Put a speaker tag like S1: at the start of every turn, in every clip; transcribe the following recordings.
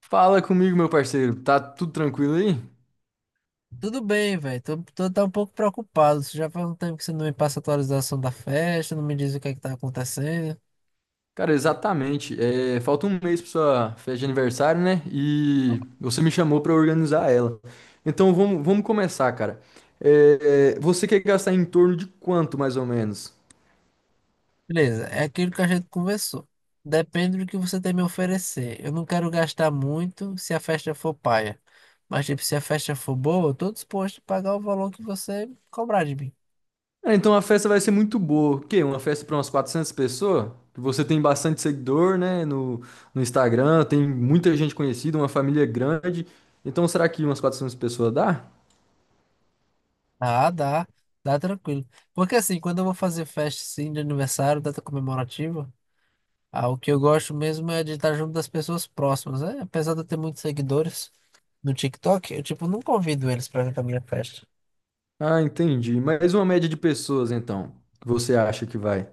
S1: Fala comigo, meu parceiro. Tá tudo tranquilo aí?
S2: Tudo bem, velho. Tô, tá um pouco preocupado. Você já faz um tempo que você não me passa a atualização da festa, não me diz o que é que tá acontecendo.
S1: Cara, exatamente. É, falta um mês pra sua festa de aniversário, né? E você me chamou pra organizar ela. Então vamos começar, cara. Você quer gastar em torno de quanto, mais ou menos?
S2: Beleza, é aquilo que a gente conversou. Depende do que você tem me oferecer. Eu não quero gastar muito se a festa for paia. Mas, tipo, se a festa for boa, eu tô disposto a pagar o valor que você cobrar de mim.
S1: Ah, então a festa vai ser muito boa. O quê? Uma festa pra umas 400 pessoas? Você tem bastante seguidor, né? No, no Instagram, tem muita gente conhecida, uma família grande. Então será que umas 400 pessoas dá?
S2: Ah, dá. Dá tranquilo. Porque assim, quando eu vou fazer festa assim, de aniversário, data comemorativa. Ah, o que eu gosto mesmo é de estar junto das pessoas próximas, né? Apesar de eu ter muitos seguidores no TikTok, eu, tipo, não convido eles pra vir pra minha festa.
S1: Ah, entendi. Mas uma média de pessoas, então, que você acha que vai?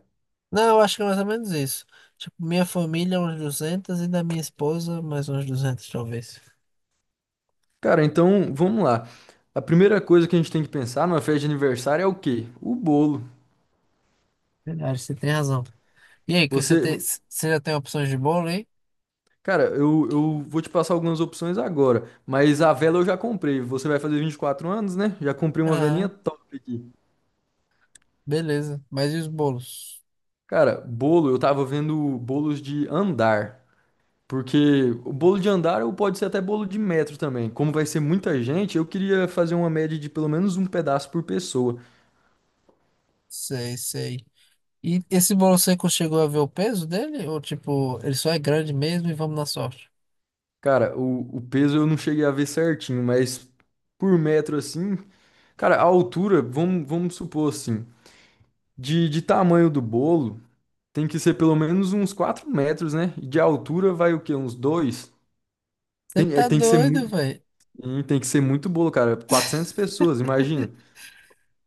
S2: Não, eu acho que é mais ou menos isso. Tipo, minha família, é uns 200, e da minha esposa, mais uns 200, talvez.
S1: Cara, então, vamos lá. A primeira coisa que a gente tem que pensar numa festa de aniversário é o quê? O bolo.
S2: Verdade, você tem razão. E aí, que você
S1: Você.
S2: tem,
S1: vo-
S2: você já tem opções de bolo, hein?
S1: Cara, eu vou te passar algumas opções agora, mas a vela eu já comprei. Você vai fazer 24 anos, né? Já comprei uma velinha
S2: Aham,
S1: top aqui.
S2: beleza. Mas e os bolos?
S1: Cara, bolo, eu tava vendo bolos de andar. Porque o bolo de andar ou pode ser até bolo de metro também. Como vai ser muita gente, eu queria fazer uma média de pelo menos um pedaço por pessoa.
S2: Sei, sei. E esse bolo seco, chegou a ver o peso dele? Ou, tipo, ele só é grande mesmo e vamos na sorte?
S1: Cara, o peso eu não cheguei a ver certinho, mas por metro assim, cara, a altura, vamos supor assim, de tamanho do bolo, tem que ser pelo menos uns 4 metros, né? E de altura vai o quê? Uns 2
S2: Você
S1: Tem,
S2: tá
S1: tem que ser
S2: doido,
S1: muito,
S2: velho?
S1: tem que ser muito bolo, cara. 400 pessoas, imagina.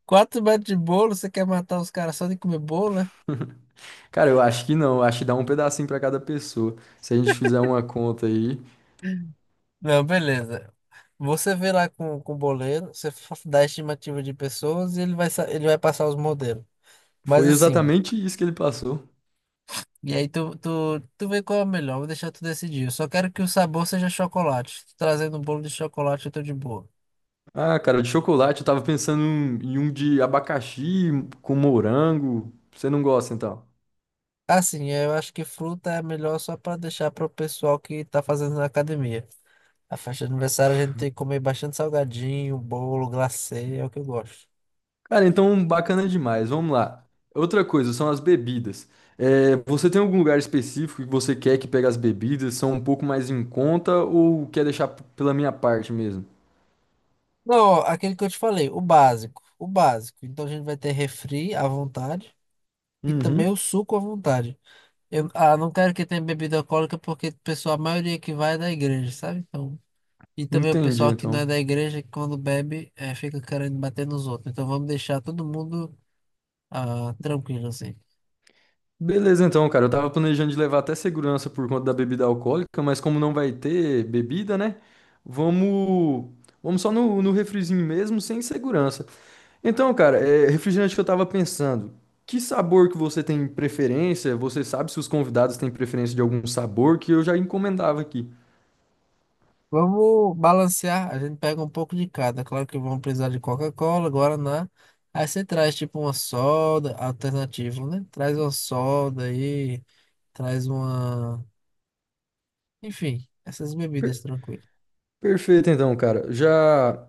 S2: Quatro metros de bolo, você quer matar os caras só de comer bolo, né?
S1: Cara, eu acho que não, eu acho que dá um pedacinho pra cada pessoa. Se a gente fizer uma conta aí,
S2: Não, beleza. Você vê lá com o boleiro, você dá a estimativa de pessoas e ele vai, ele vai passar os modelos. Mas
S1: foi
S2: assim,
S1: exatamente isso que ele passou.
S2: e aí tu vê qual é o melhor, vou deixar tu decidir. Eu só quero que o sabor seja chocolate. Tu trazendo um bolo de chocolate, eu tô de boa.
S1: Ah, cara, de chocolate eu tava pensando em um de abacaxi com morango. Você não gosta, então?
S2: Assim, eu acho que fruta é melhor só pra deixar pro pessoal que tá fazendo na academia. A festa de aniversário a gente tem que comer bastante salgadinho, bolo, glacê, é o que eu gosto.
S1: Cara, então bacana demais. Vamos lá. Outra coisa são as bebidas. É, você tem algum lugar específico que você quer que pegue as bebidas? São um pouco mais em conta ou quer deixar pela minha parte mesmo?
S2: Não, ó, aquele que eu te falei, o básico. O básico. Então a gente vai ter refri à vontade e também o
S1: Uhum,
S2: suco à vontade. Eu, não quero que tenha bebida alcoólica porque o pessoal, a maioria que vai é da igreja, sabe? Então, e também o
S1: entendi
S2: pessoal que não é
S1: então.
S2: da igreja, que quando bebe, fica querendo bater nos outros. Então vamos deixar todo mundo ah, tranquilo assim.
S1: Beleza, então, cara. Eu tava planejando de levar até segurança por conta da bebida alcoólica, mas como não vai ter bebida, né? Vamos, vamos só no refrizinho mesmo, sem segurança. Então, cara, refrigerante que eu tava pensando, que sabor que você tem preferência? Você sabe se os convidados têm preferência de algum sabor que eu já encomendava aqui.
S2: Vamos balancear. A gente pega um pouco de cada. Claro que vamos precisar de Coca-Cola, Guaraná. Aí você traz tipo uma soda alternativa, né? Traz uma soda aí, traz uma. Enfim, essas
S1: Per-
S2: bebidas tranquilas.
S1: perfeito, então, cara. Já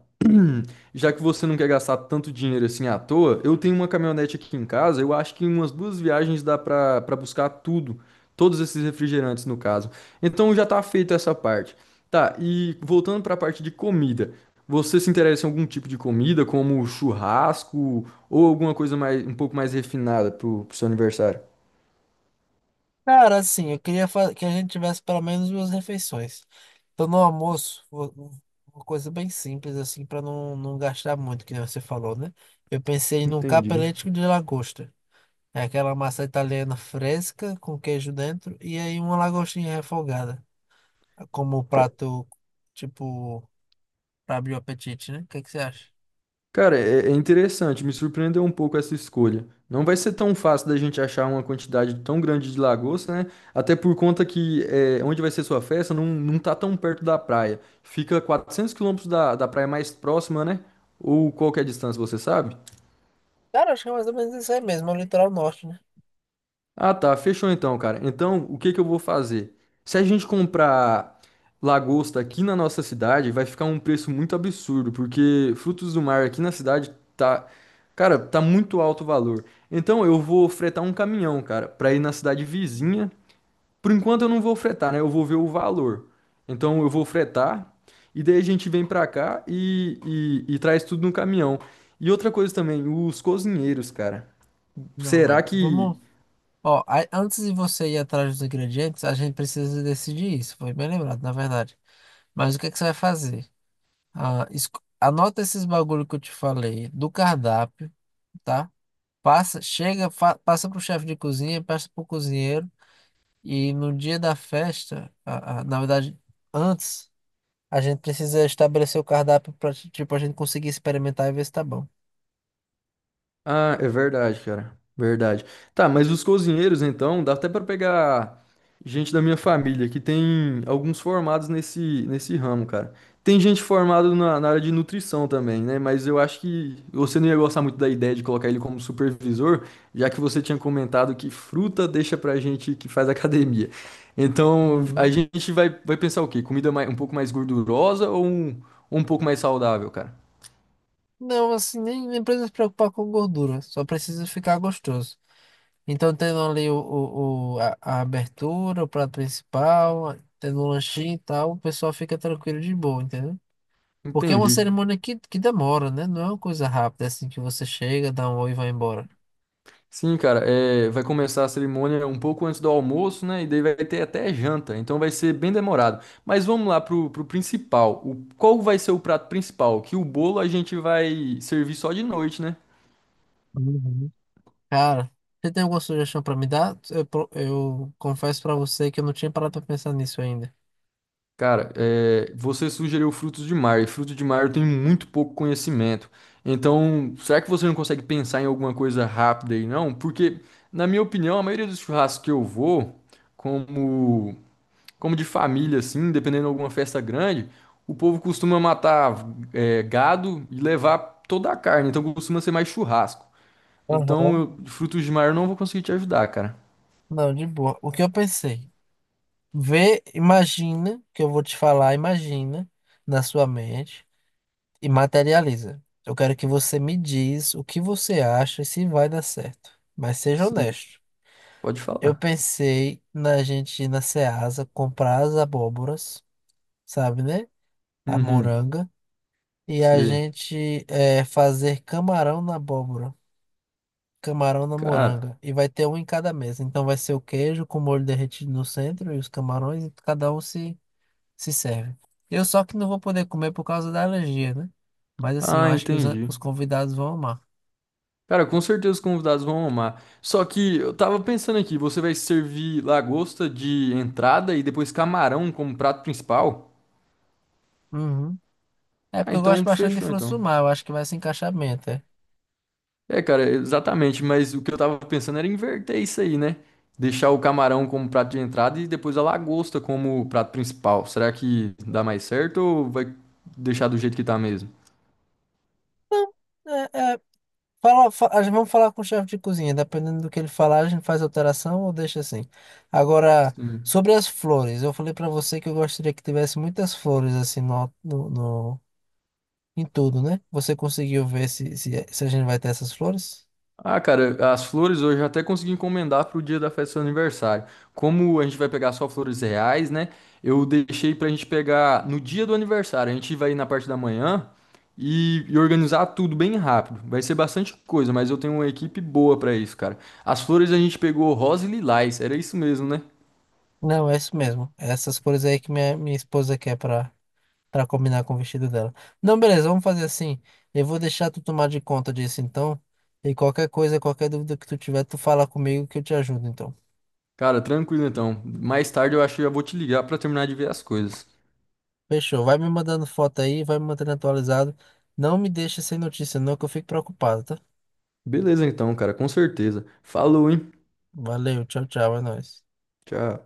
S1: Já que você não quer gastar tanto dinheiro assim à toa, eu tenho uma caminhonete aqui em casa. Eu acho que em umas duas viagens dá pra para buscar tudo, todos esses refrigerantes no caso. Então já tá feita essa parte. Tá, e voltando pra parte de comida. Você se interessa em algum tipo de comida, como churrasco ou alguma coisa mais um pouco mais refinada pro seu aniversário?
S2: Cara, assim, eu queria que a gente tivesse pelo menos duas refeições. Então, no almoço, uma coisa bem simples, assim, para não gastar muito, que nem você falou, né? Eu pensei num
S1: Entendi.
S2: capelete de lagosta. É aquela massa italiana fresca com queijo dentro e aí uma lagostinha refogada, como prato, tipo, pra abrir o apetite, né? O que que você acha?
S1: Cara, é interessante, me surpreendeu um pouco essa escolha. Não vai ser tão fácil da gente achar uma quantidade tão grande de lagosta, né? Até por conta que é, onde vai ser sua festa não, não tá tão perto da praia. Fica 400 quilômetros da praia mais próxima, né? Ou qual que é a distância, você sabe?
S2: Cara, acho que é mais ou menos isso aí mesmo, é o litoral norte, né?
S1: Ah, tá. Fechou então, cara. Então, o que que eu vou fazer? Se a gente comprar lagosta aqui na nossa cidade, vai ficar um preço muito absurdo, porque frutos do mar aqui na cidade tá, cara, tá muito alto o valor. Então, eu vou fretar um caminhão, cara, pra ir na cidade vizinha. Por enquanto eu não vou fretar, né? Eu vou ver o valor. Então, eu vou fretar e daí a gente vem pra cá e, e traz tudo no caminhão. E outra coisa também, os cozinheiros, cara.
S2: Não
S1: Será
S2: é.
S1: que
S2: Vamos. Ó, antes de você ir atrás dos ingredientes, a gente precisa decidir isso. Foi bem lembrado, na verdade. Mas o que que você vai fazer? Ah, anota esses bagulho que eu te falei do cardápio, tá? Passa, chega, passa pro chefe de cozinha, passa pro cozinheiro. E no dia da festa, na verdade, antes, a gente precisa estabelecer o cardápio para, tipo, a gente conseguir experimentar e ver se tá bom.
S1: Ah, é verdade, cara. Verdade. Tá, mas os cozinheiros, então, dá até pra pegar gente da minha família, que tem alguns formados nesse, nesse ramo, cara. Tem gente formada na área de nutrição também, né? Mas eu acho que você não ia gostar muito da ideia de colocar ele como supervisor, já que você tinha comentado que fruta deixa pra gente que faz academia. Então, a
S2: Uhum.
S1: gente vai, vai pensar o quê? Comida mais- um pouco mais gordurosa ou um pouco mais saudável, cara?
S2: Não, assim, nem precisa se preocupar com gordura, só precisa ficar gostoso. Então, tendo ali a abertura, o prato principal, tendo um lanchinho e tal, o pessoal fica tranquilo de boa, entendeu? Porque é uma
S1: Entendi.
S2: cerimônia que demora, né? Não é uma coisa rápida assim que você chega, dá um oi e vai embora.
S1: Sim, cara, vai começar a cerimônia um pouco antes do almoço, né? E daí vai ter até janta, então vai ser bem demorado. Mas vamos lá pro principal. O, qual vai ser o prato principal? Que o bolo a gente vai servir só de noite, né?
S2: Uhum. Cara, você tem alguma sugestão pra me dar? Eu, eu confesso pra você que eu não tinha parado pra pensar nisso ainda.
S1: Cara, você sugeriu frutos de mar, e frutos de mar eu tenho muito pouco conhecimento. Então, será que você não consegue pensar em alguma coisa rápida aí, não? Porque, na minha opinião, a maioria dos churrascos que eu vou, como. Como de família, assim, dependendo de alguma festa grande, o povo costuma matar gado e levar toda a carne, então costuma ser mais churrasco. Então,
S2: Aham.
S1: eu- de frutos de mar eu não vou conseguir te ajudar, cara.
S2: Não, de boa. O que eu pensei? Vê, imagina que eu vou te falar, imagina na sua mente. E materializa. Eu quero que você me diz o que você acha e se vai dar certo. Mas seja
S1: Sim,
S2: honesto.
S1: pode
S2: Eu
S1: falar.
S2: pensei na gente ir na Ceasa comprar as abóboras, sabe, né? A
S1: Uhum,
S2: moranga. E a
S1: sei.
S2: gente fazer camarão na abóbora, camarão na
S1: Cara,
S2: moranga. E vai ter um em cada mesa. Então vai ser o queijo com molho derretido no centro e os camarões, e cada um se, se serve. Eu só que não vou poder comer por causa da alergia, né? Mas assim, eu
S1: ah,
S2: acho que
S1: entendi.
S2: os convidados vão amar.
S1: Cara, com certeza os convidados vão amar. Só que eu tava pensando aqui, você vai servir lagosta de entrada e depois camarão como prato principal?
S2: Uhum. É
S1: Ah,
S2: porque eu gosto
S1: então
S2: bastante de
S1: fechou
S2: frutos
S1: então.
S2: do mar, eu acho que vai se encaixar bem até.
S1: É, cara, exatamente, mas o que eu tava pensando era inverter isso aí, né? Deixar o camarão como prato de entrada e depois a lagosta como prato principal. Será que dá mais certo ou vai deixar do jeito que tá mesmo?
S2: É, é, fala, vamos falar com o chefe de cozinha, dependendo do que ele falar, a gente faz alteração ou deixa assim. Agora,
S1: Sim.
S2: sobre as flores, eu falei pra você que eu gostaria que tivesse muitas flores assim em tudo, né? Você conseguiu ver se a gente vai ter essas flores?
S1: Ah, cara, as flores hoje eu até consegui encomendar pro dia da festa do seu aniversário. Como a gente vai pegar só flores reais, né? Eu deixei pra gente pegar no dia do aniversário. A gente vai ir na parte da manhã e organizar tudo bem rápido. Vai ser bastante coisa, mas eu tenho uma equipe boa pra isso, cara. As flores a gente pegou rosa e lilás, era isso mesmo, né?
S2: Não, é isso mesmo. É, essas cores aí que minha esposa quer pra. Pra combinar com o vestido dela. Não, beleza, vamos fazer assim. Eu vou deixar tu tomar de conta disso então. E qualquer coisa, qualquer dúvida que tu tiver, tu fala comigo que eu te ajudo então.
S1: Cara, tranquilo então. Mais tarde eu acho que já vou te ligar pra terminar de ver as coisas.
S2: Fechou. Vai me mandando foto aí, vai me mantendo atualizado. Não me deixa sem notícia, não, que eu fico preocupado, tá?
S1: Beleza então, cara, com certeza. Falou, hein?
S2: Valeu, tchau, tchau, é nóis.
S1: Tchau.